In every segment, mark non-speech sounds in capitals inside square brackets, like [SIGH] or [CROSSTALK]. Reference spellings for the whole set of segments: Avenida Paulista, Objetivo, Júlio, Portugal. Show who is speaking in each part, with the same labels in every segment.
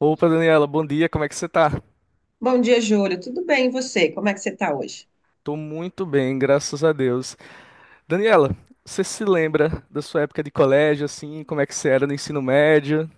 Speaker 1: Opa, Daniela, bom dia, como é que você tá?
Speaker 2: Bom dia, Júlio. Tudo bem, e você? Como é que você está hoje?
Speaker 1: Tô muito bem, graças a Deus. Daniela, você se lembra da sua época de colégio, assim, como é que você era no ensino médio?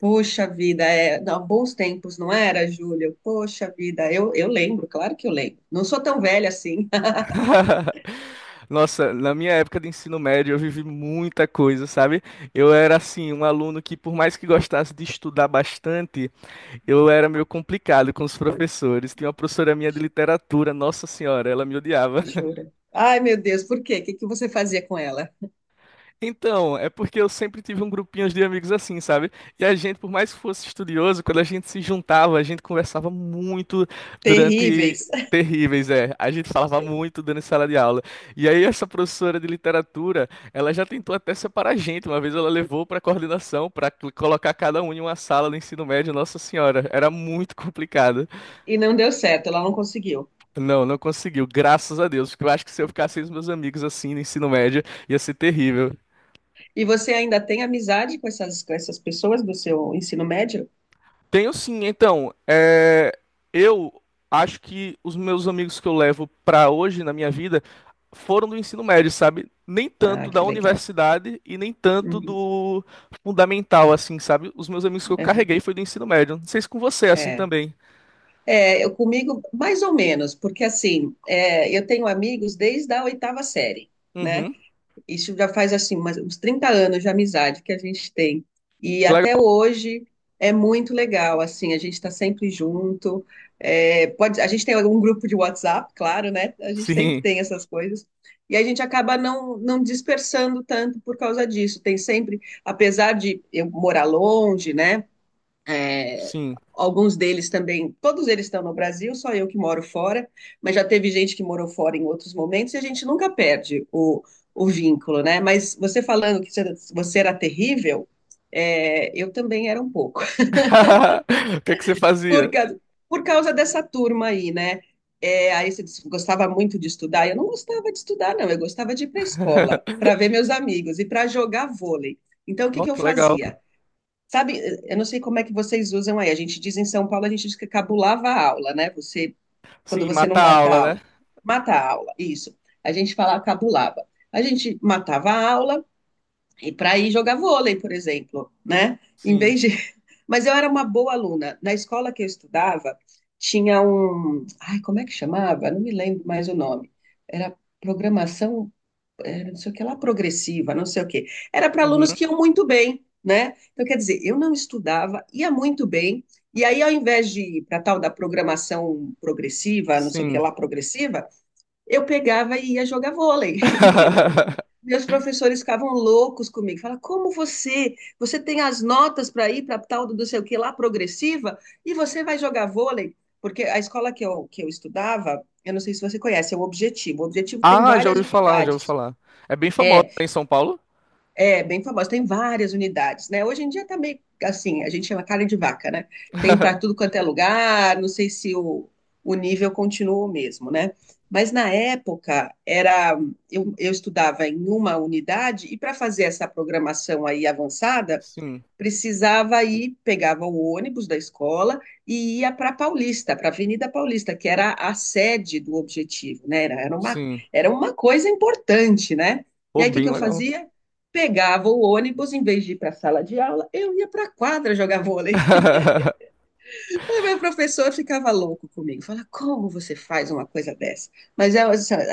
Speaker 2: Poxa vida, não, bons tempos, não era, Júlio? Poxa vida, eu lembro, claro que eu lembro. Não sou tão velha assim,
Speaker 1: [LAUGHS] Nossa, na minha época de ensino médio eu vivi muita coisa, sabe? Eu era, assim, um aluno que, por mais que gostasse de estudar bastante, eu era meio complicado com os professores. Tinha uma professora minha de literatura, nossa senhora, ela me odiava.
Speaker 2: [LAUGHS] jura. Ai, meu Deus, por quê? O que que você fazia com ela?
Speaker 1: Então, é porque eu sempre tive um grupinho de amigos assim, sabe? E a gente, por mais que fosse estudioso, quando a gente se juntava, a gente conversava muito durante
Speaker 2: Terríveis. [LAUGHS]
Speaker 1: terríveis, é. A gente falava muito durante sala de aula. E aí essa professora de literatura, ela já tentou até separar a gente. Uma vez ela levou para coordenação para colocar cada um em uma sala no ensino médio, Nossa Senhora, era muito complicado.
Speaker 2: E não deu certo, ela não conseguiu.
Speaker 1: Não, não conseguiu, graças a Deus, porque eu acho que se eu ficasse com os meus amigos assim no ensino médio, ia ser terrível.
Speaker 2: E você ainda tem amizade com essas pessoas do seu ensino médio?
Speaker 1: Tenho sim. Então, é, eu acho que os meus amigos que eu levo para hoje na minha vida foram do ensino médio, sabe? Nem
Speaker 2: Ah,
Speaker 1: tanto da
Speaker 2: que legal.
Speaker 1: universidade e nem tanto
Speaker 2: Uhum,
Speaker 1: do fundamental, assim, sabe? Os meus amigos que eu
Speaker 2: aham.
Speaker 1: carreguei foi do ensino médio. Não sei se com você é assim
Speaker 2: É.
Speaker 1: também.
Speaker 2: É, eu comigo, mais ou menos, porque assim, é, eu tenho amigos desde a oitava série, né?
Speaker 1: Uhum.
Speaker 2: Isso já faz assim uns 30 anos de amizade que a gente tem. E
Speaker 1: Legal.
Speaker 2: até hoje é muito legal, assim, a gente está sempre junto. É, pode, a gente tem algum grupo de WhatsApp, claro, né? A gente sempre
Speaker 1: Sim,
Speaker 2: tem essas coisas. E a gente acaba não dispersando tanto por causa disso. Tem sempre, apesar de eu morar longe, né? É,
Speaker 1: sim.
Speaker 2: alguns deles também, todos eles estão no Brasil, só eu que moro fora, mas já teve gente que morou fora em outros momentos e a gente nunca perde o vínculo, né? Mas você falando que você- era terrível, é, eu também era um pouco, [LAUGHS]
Speaker 1: [LAUGHS] O que é que você
Speaker 2: por,
Speaker 1: fazia?
Speaker 2: causa por causa dessa turma aí, né? É, aí você disse que gostava muito de estudar. Eu não gostava de estudar, não. Eu gostava de ir para a escola, para
Speaker 1: [LAUGHS]
Speaker 2: ver meus amigos e para jogar vôlei. Então, o que
Speaker 1: Oh,
Speaker 2: que eu
Speaker 1: que legal.
Speaker 2: fazia? Sabe, eu não sei como é que vocês usam aí. A gente diz em São Paulo, a gente diz que cabulava a aula, né? Quando
Speaker 1: Sim,
Speaker 2: você não
Speaker 1: mata a
Speaker 2: vai para
Speaker 1: aula,
Speaker 2: a
Speaker 1: né?
Speaker 2: aula, mata a aula, isso. A gente fala cabulava. A gente matava a aula e para ir jogar vôlei, por exemplo, né? Em
Speaker 1: Sim.
Speaker 2: vez de... [LAUGHS] Mas eu era uma boa aluna. Na escola que eu estudava, tinha um... Ai, como é que chamava? Não me lembro mais o nome. Era programação, era não sei o que lá, progressiva, não sei o que. Era para alunos
Speaker 1: Uhum.
Speaker 2: que iam muito bem, né? Então, quer dizer, eu não estudava, ia muito bem, e aí, ao invés de ir para tal da programação progressiva, não sei o que
Speaker 1: Sim.
Speaker 2: lá, progressiva, eu pegava e ia jogar vôlei.
Speaker 1: [LAUGHS]
Speaker 2: Meus professores ficavam loucos comigo. Falavam, como você? Você tem as notas para ir para tal do não sei o que lá, progressiva, e você vai jogar vôlei? Porque a escola que eu estudava, eu não sei se você conhece, é o Objetivo. O Objetivo tem
Speaker 1: Ah, já
Speaker 2: várias
Speaker 1: ouvi falar, já ouvi
Speaker 2: unidades.
Speaker 1: falar. É bem famosa,
Speaker 2: É,
Speaker 1: né, em São Paulo?
Speaker 2: é, bem famosa, tem várias unidades, né? Hoje em dia tá meio assim, a gente chama carne de vaca, né? Tem para tudo
Speaker 1: [LAUGHS]
Speaker 2: quanto é lugar, não sei se o nível continua o mesmo, né? Mas na época era, eu estudava em uma unidade e para fazer essa programação aí avançada,
Speaker 1: Sim,
Speaker 2: precisava ir, pegava o ônibus da escola e ia para Paulista, para a Avenida Paulista, que era a sede do Objetivo, né?
Speaker 1: sim.
Speaker 2: Era uma coisa importante, né? E
Speaker 1: Pô,
Speaker 2: aí o que que
Speaker 1: bem
Speaker 2: eu
Speaker 1: legal.
Speaker 2: fazia? Pegava o ônibus, em vez de ir para a sala de aula, eu ia para a quadra jogar vôlei.
Speaker 1: [LAUGHS]
Speaker 2: [LAUGHS] O meu professor ficava louco comigo, fala, como você faz uma coisa dessa? Mas é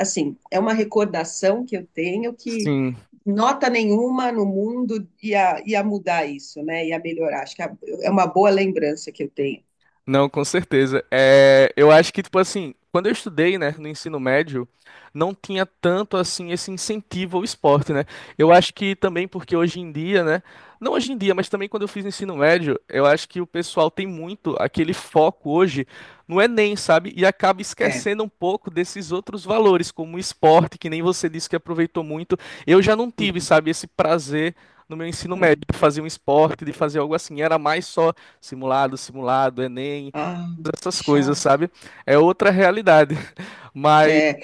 Speaker 2: assim, é uma recordação que eu tenho que
Speaker 1: Sim.
Speaker 2: nota nenhuma no mundo ia mudar isso, né? Ia melhorar. Acho que é uma boa lembrança que eu tenho.
Speaker 1: Não, com certeza. É, eu acho que, tipo assim, quando eu estudei, né, no ensino médio, não tinha tanto, assim, esse incentivo ao esporte, né? Eu acho que também porque hoje em dia, né, não hoje em dia, mas também quando eu fiz ensino médio, eu acho que o pessoal tem muito aquele foco hoje no Enem, sabe? E acaba
Speaker 2: É.
Speaker 1: esquecendo um pouco desses outros valores, como o esporte, que nem você disse que aproveitou muito. Eu já não tive,
Speaker 2: Uhum.
Speaker 1: sabe, esse prazer no meu ensino médio,
Speaker 2: É.
Speaker 1: de fazer um esporte, de fazer algo assim. Era mais só simulado, simulado, Enem,
Speaker 2: Ah, que
Speaker 1: essas coisas,
Speaker 2: chato.
Speaker 1: sabe? É outra realidade. [LAUGHS] Mas.
Speaker 2: É,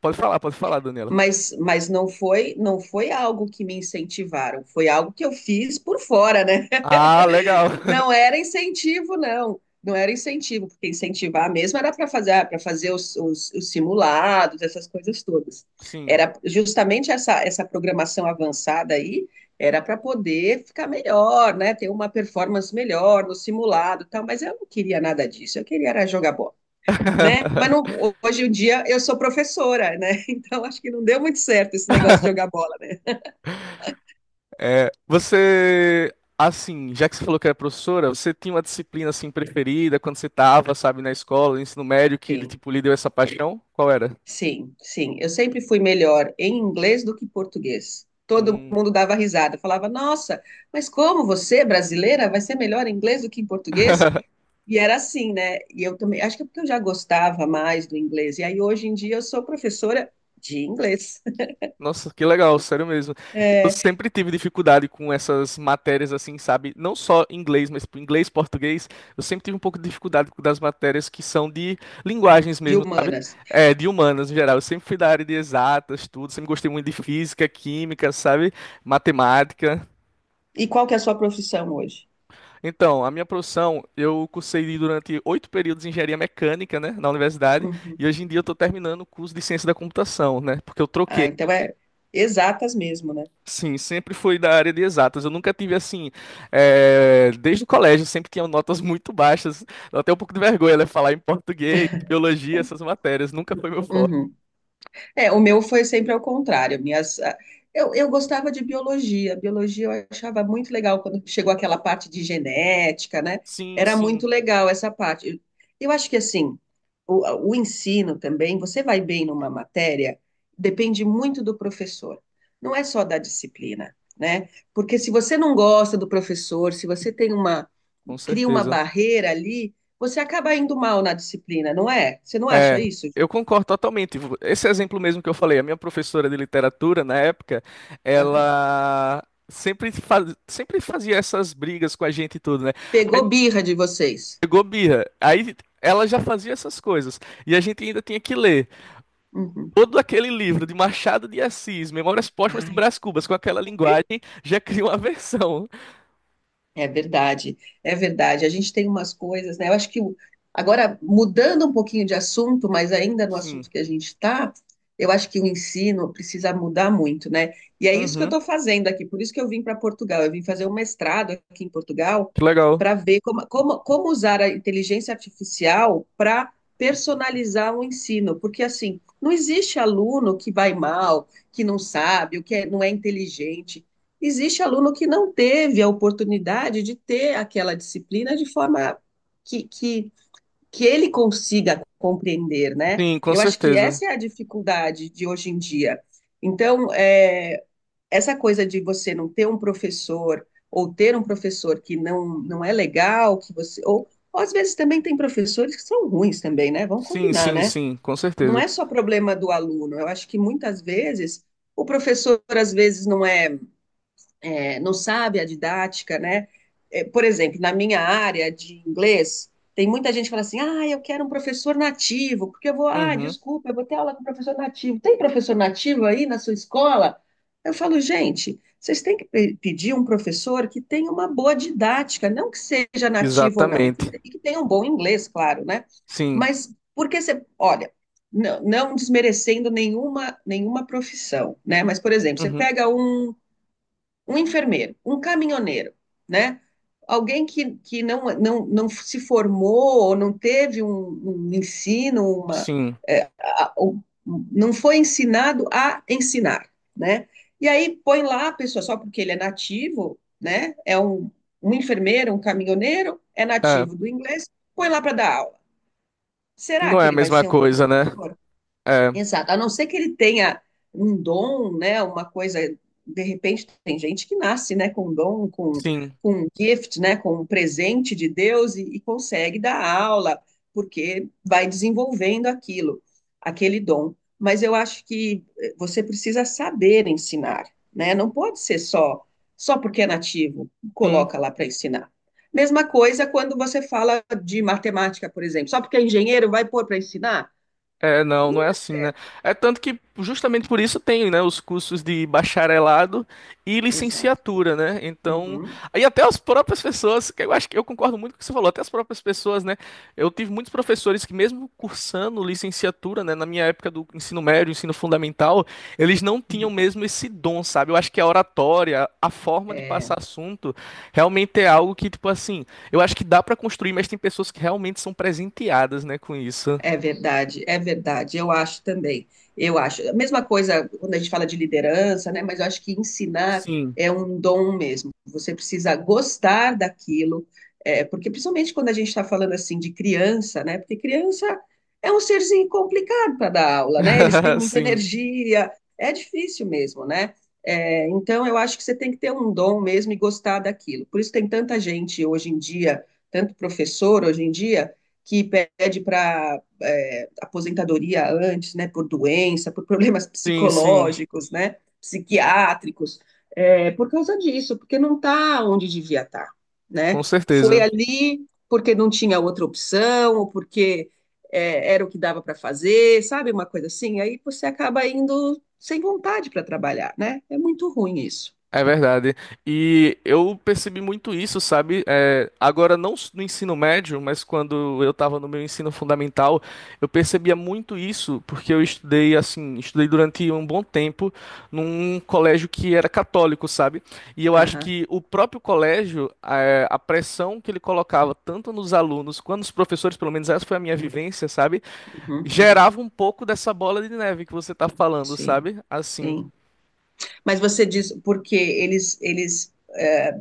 Speaker 1: Pode falar, Daniela.
Speaker 2: mas, não foi algo que me incentivaram, foi algo que eu fiz por fora, né?
Speaker 1: Ah, legal.
Speaker 2: Não era incentivo, não. Não era incentivo, porque incentivar mesmo era para fazer os simulados, essas coisas todas.
Speaker 1: [LAUGHS] Sim.
Speaker 2: Era justamente essa programação avançada aí, era para poder ficar melhor, né? Ter uma performance melhor no simulado, e tal. Mas eu não queria nada disso. Eu queria era jogar bola, né?
Speaker 1: [LAUGHS]
Speaker 2: Hoje em dia eu sou professora, né? [LAUGHS] Então acho que não deu muito certo esse negócio de jogar bola, né?
Speaker 1: Você, assim, já que você falou que era professora, você tinha uma disciplina assim preferida quando você estava, sabe, na escola, no ensino médio, que
Speaker 2: Sim.
Speaker 1: tipo lhe deu essa paixão? Qual era?
Speaker 2: Sim, sim. Eu sempre fui melhor em inglês do que português. Todo mundo dava risada, falava: Nossa, mas como você, brasileira, vai ser melhor em inglês do que em português? E era assim, né? E eu também, acho que é porque eu já gostava mais do inglês. E aí, hoje em dia, eu sou professora de inglês,
Speaker 1: Nossa, que legal, sério mesmo.
Speaker 2: [LAUGHS]
Speaker 1: Eu
Speaker 2: é,
Speaker 1: sempre tive dificuldade com essas matérias assim, sabe? Não só inglês, mas tipo, inglês, português. Eu sempre tive um pouco de dificuldade com das matérias que são de linguagens
Speaker 2: de
Speaker 1: mesmo,
Speaker 2: humanas.
Speaker 1: é, de humanas em geral. Eu sempre fui da área de exatas, tudo. Sempre gostei muito de física, química, sabe? Matemática.
Speaker 2: E qual que é a sua profissão hoje?
Speaker 1: Então, a minha profissão, eu cursei durante 8 períodos de engenharia mecânica, né, na universidade.
Speaker 2: Uhum.
Speaker 1: E hoje em dia eu estou terminando o curso de ciência da computação, né? Porque eu
Speaker 2: Ah,
Speaker 1: troquei.
Speaker 2: então é exatas mesmo, né?
Speaker 1: Sim, sempre fui da área de exatas. Eu nunca tive assim, desde o colégio, sempre tinha notas muito baixas. Dá até um pouco de vergonha, né? Falar em português, biologia, essas matérias. Nunca foi meu forte.
Speaker 2: Uhum. É, o meu foi sempre ao contrário. Minhas, ah, eu gostava de biologia. Biologia eu achava muito legal quando chegou aquela parte de genética, né?
Speaker 1: Sim,
Speaker 2: Era muito
Speaker 1: sim,
Speaker 2: legal essa parte. Eu acho que assim, o ensino também, você vai bem numa matéria, depende muito do professor. Não é só da disciplina, né? Porque se você não gosta do professor, se você tem uma,
Speaker 1: com
Speaker 2: cria uma
Speaker 1: certeza.
Speaker 2: barreira ali, você acaba indo mal na disciplina, não é? Você não acha
Speaker 1: É,
Speaker 2: isso?
Speaker 1: eu concordo totalmente. Esse exemplo mesmo que eu falei, a minha professora de literatura, na época,
Speaker 2: Ju?
Speaker 1: ela sempre fazia essas brigas com a gente e tudo, né? Aí
Speaker 2: Pegou birra de vocês.
Speaker 1: pegou birra. Aí ela já fazia essas coisas. E a gente ainda tinha que ler
Speaker 2: Uhum.
Speaker 1: todo aquele livro de Machado de Assis, Memórias Póstumas de
Speaker 2: Ai,
Speaker 1: Brás Cubas, com aquela linguagem, já cria uma versão.
Speaker 2: é verdade, é verdade. A gente tem umas coisas, né? Eu acho que o- agora, mudando um pouquinho de assunto, mas ainda no
Speaker 1: Sim.
Speaker 2: assunto que a gente está, eu acho que o ensino precisa mudar muito, né? E é isso que eu
Speaker 1: Uhum.
Speaker 2: estou fazendo aqui, por isso que eu vim para Portugal. Eu vim fazer um mestrado aqui em Portugal
Speaker 1: Que legal.
Speaker 2: para ver como usar a inteligência artificial para personalizar o ensino, porque assim, não existe aluno que vai mal, que não sabe, não é inteligente. Existe aluno que não teve a oportunidade de ter aquela disciplina de forma que, que, que ele consiga compreender, né?
Speaker 1: Sim, com
Speaker 2: Eu acho que
Speaker 1: certeza.
Speaker 2: essa é a dificuldade de hoje em dia. Então, é, essa coisa de você não ter um professor ou ter um professor que não é legal, que você ou às vezes também tem professores que são ruins também, né? Vamos
Speaker 1: Sim,
Speaker 2: combinar,
Speaker 1: sim,
Speaker 2: né?
Speaker 1: sim, com
Speaker 2: Não
Speaker 1: certeza.
Speaker 2: é só problema do aluno. Eu acho que muitas vezes o professor às vezes é, não sabe a didática, né? É, por exemplo, na minha área de inglês, tem muita gente que fala assim: ah, eu quero um professor nativo, porque eu vou, ah,
Speaker 1: Uhum.
Speaker 2: desculpa, eu vou ter aula com professor nativo. Tem professor nativo aí na sua escola? Eu falo, gente, vocês têm que pedir um professor que tenha uma boa didática, não que seja nativo ou não, e que,
Speaker 1: Exatamente.
Speaker 2: se- e que tenha um bom inglês, claro, né?
Speaker 1: Sim.
Speaker 2: Mas porque você, olha, não, não desmerecendo nenhuma profissão, né? Mas, por exemplo, você
Speaker 1: Uhum.
Speaker 2: pega um enfermeiro, um caminhoneiro, né? Alguém que não, não, não se formou ou não teve um ensino, uma,
Speaker 1: Sim.
Speaker 2: é, a- o- não foi ensinado a ensinar, né? E aí põe lá a pessoa só porque ele é nativo, né? É um, um enfermeiro, um caminhoneiro, é
Speaker 1: É.
Speaker 2: nativo do inglês, põe lá para dar aula. Será
Speaker 1: Não
Speaker 2: que
Speaker 1: é a
Speaker 2: ele vai
Speaker 1: mesma
Speaker 2: ser um
Speaker 1: coisa, né?
Speaker 2: professor?
Speaker 1: É.
Speaker 2: Exato, a não ser que ele tenha um dom, né, uma coisa, de repente tem gente que nasce, né, com dom,
Speaker 1: Sim.
Speaker 2: com um gift, né, com um presente de Deus e consegue dar aula, porque vai desenvolvendo aquilo, aquele dom. Mas eu acho que eh, você precisa saber ensinar, né? Não pode ser só porque é nativo,
Speaker 1: Sim.
Speaker 2: coloca lá para ensinar. Mesma coisa quando você fala de matemática, por exemplo, só porque é engenheiro vai pôr para ensinar?
Speaker 1: É, não, não
Speaker 2: Não
Speaker 1: é
Speaker 2: dá
Speaker 1: assim, né?
Speaker 2: certo.
Speaker 1: É tanto que justamente por isso tem, né, os cursos de bacharelado e
Speaker 2: Exato.
Speaker 1: licenciatura, né? Então,
Speaker 2: Uhum.
Speaker 1: aí até as próprias pessoas, que eu acho que eu concordo muito com o que você falou, até as próprias pessoas, né? Eu tive muitos professores que mesmo cursando licenciatura, né, na minha época do ensino médio, ensino fundamental, eles não tinham mesmo esse dom, sabe? Eu acho que a oratória, a forma de
Speaker 2: É,
Speaker 1: passar assunto, realmente é algo que, tipo assim, eu acho que dá pra construir, mas tem pessoas que realmente são presenteadas, né, com isso.
Speaker 2: é verdade, é verdade. Eu acho também. Eu acho. A mesma coisa quando a gente fala de liderança, né? Mas eu acho que ensinar
Speaker 1: Sim.
Speaker 2: é um dom mesmo. Você precisa gostar daquilo, é, porque principalmente quando a gente está falando assim de criança, né? Porque criança é um serzinho complicado para dar aula, né? Eles têm
Speaker 1: [LAUGHS]
Speaker 2: muita
Speaker 1: Sim,
Speaker 2: energia, é difícil mesmo, né? É, então eu acho que você tem que ter um dom mesmo e gostar daquilo. Por isso tem tanta gente hoje em dia, tanto professor hoje em dia que pede para é, aposentadoria antes, né, por doença, por problemas [LAUGHS]
Speaker 1: sim, sim,
Speaker 2: psicológicos, né, psiquiátricos, é, por causa disso, porque não está onde devia estar, tá,
Speaker 1: com
Speaker 2: né? Foi
Speaker 1: certeza.
Speaker 2: ali porque não tinha outra opção, ou porque é, era o que dava para fazer, sabe, uma coisa assim. Aí você acaba indo sem vontade para trabalhar, né? É muito ruim isso.
Speaker 1: É verdade. E eu percebi muito isso, sabe? É, agora, no ensino médio, mas quando eu estava no meu ensino fundamental, eu percebia muito isso, porque eu estudei, assim, estudei durante um bom tempo num colégio que era católico, sabe? E eu acho
Speaker 2: Aham,
Speaker 1: que o próprio colégio, é, a pressão que ele colocava tanto nos alunos quanto nos professores, pelo menos essa foi a minha vivência, sabe?
Speaker 2: uhum, uhum,
Speaker 1: Gerava um pouco dessa bola de neve que você tá falando,
Speaker 2: sim,
Speaker 1: sabe? Assim.
Speaker 2: sim. Mas você diz porque eles é,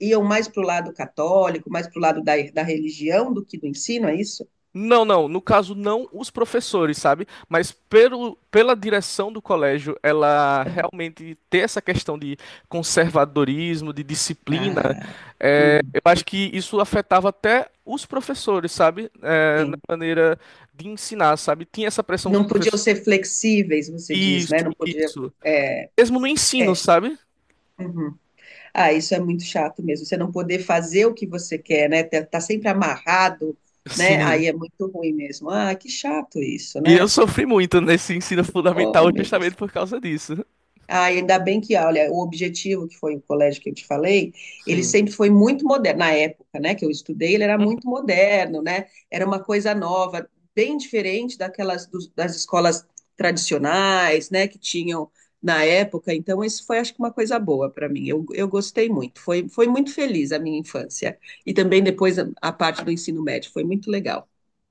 Speaker 2: iam mais para o lado católico, mais para o lado da religião do que do ensino, é isso?
Speaker 1: Não, não, no caso não os professores, sabe? Mas pelo, pela direção do colégio, ela realmente ter essa questão de conservadorismo, de disciplina,
Speaker 2: Ah,
Speaker 1: é,
Speaker 2: uhum,
Speaker 1: eu acho que isso afetava até os professores, sabe? É, na
Speaker 2: sim.
Speaker 1: maneira de ensinar, sabe? Tinha essa pressão dos
Speaker 2: Não podiam
Speaker 1: professores.
Speaker 2: ser flexíveis, você diz,
Speaker 1: Isso,
Speaker 2: né? Não podia.
Speaker 1: isso.
Speaker 2: É,
Speaker 1: Mesmo no
Speaker 2: é,
Speaker 1: ensino, sabe?
Speaker 2: uhum. Ah, isso é muito chato mesmo. Você não poder fazer o que você quer, né? Tá sempre amarrado, né?
Speaker 1: Sim.
Speaker 2: Aí é muito ruim mesmo. Ah, que chato isso,
Speaker 1: E eu
Speaker 2: né?
Speaker 1: sofri muito nesse ensino
Speaker 2: Oh,
Speaker 1: fundamental
Speaker 2: meu
Speaker 1: justamente
Speaker 2: Deus.
Speaker 1: por causa disso.
Speaker 2: Ah, ainda bem que, olha, o Objetivo, que foi o colégio que eu te falei, ele
Speaker 1: Sim.
Speaker 2: sempre foi muito moderno. Na época, né, que eu estudei, ele era muito moderno, né? Era uma coisa nova, bem diferente daquelas das escolas tradicionais, né, que tinham na época. Então, isso foi, acho que, uma coisa boa para mim. Eu gostei muito. Foi muito feliz a minha infância. E também depois a parte do ensino médio. Foi muito legal.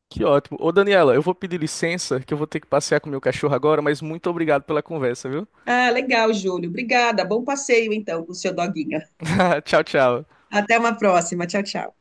Speaker 1: Que ótimo. Ô, Daniela, eu vou pedir licença, que eu vou ter que passear com meu cachorro agora, mas muito obrigado pela conversa, viu?
Speaker 2: Ah, legal, Júlio. Obrigada. Bom passeio, então, com o seu doguinho.
Speaker 1: [LAUGHS] Tchau, tchau.
Speaker 2: Até uma próxima. Tchau, tchau.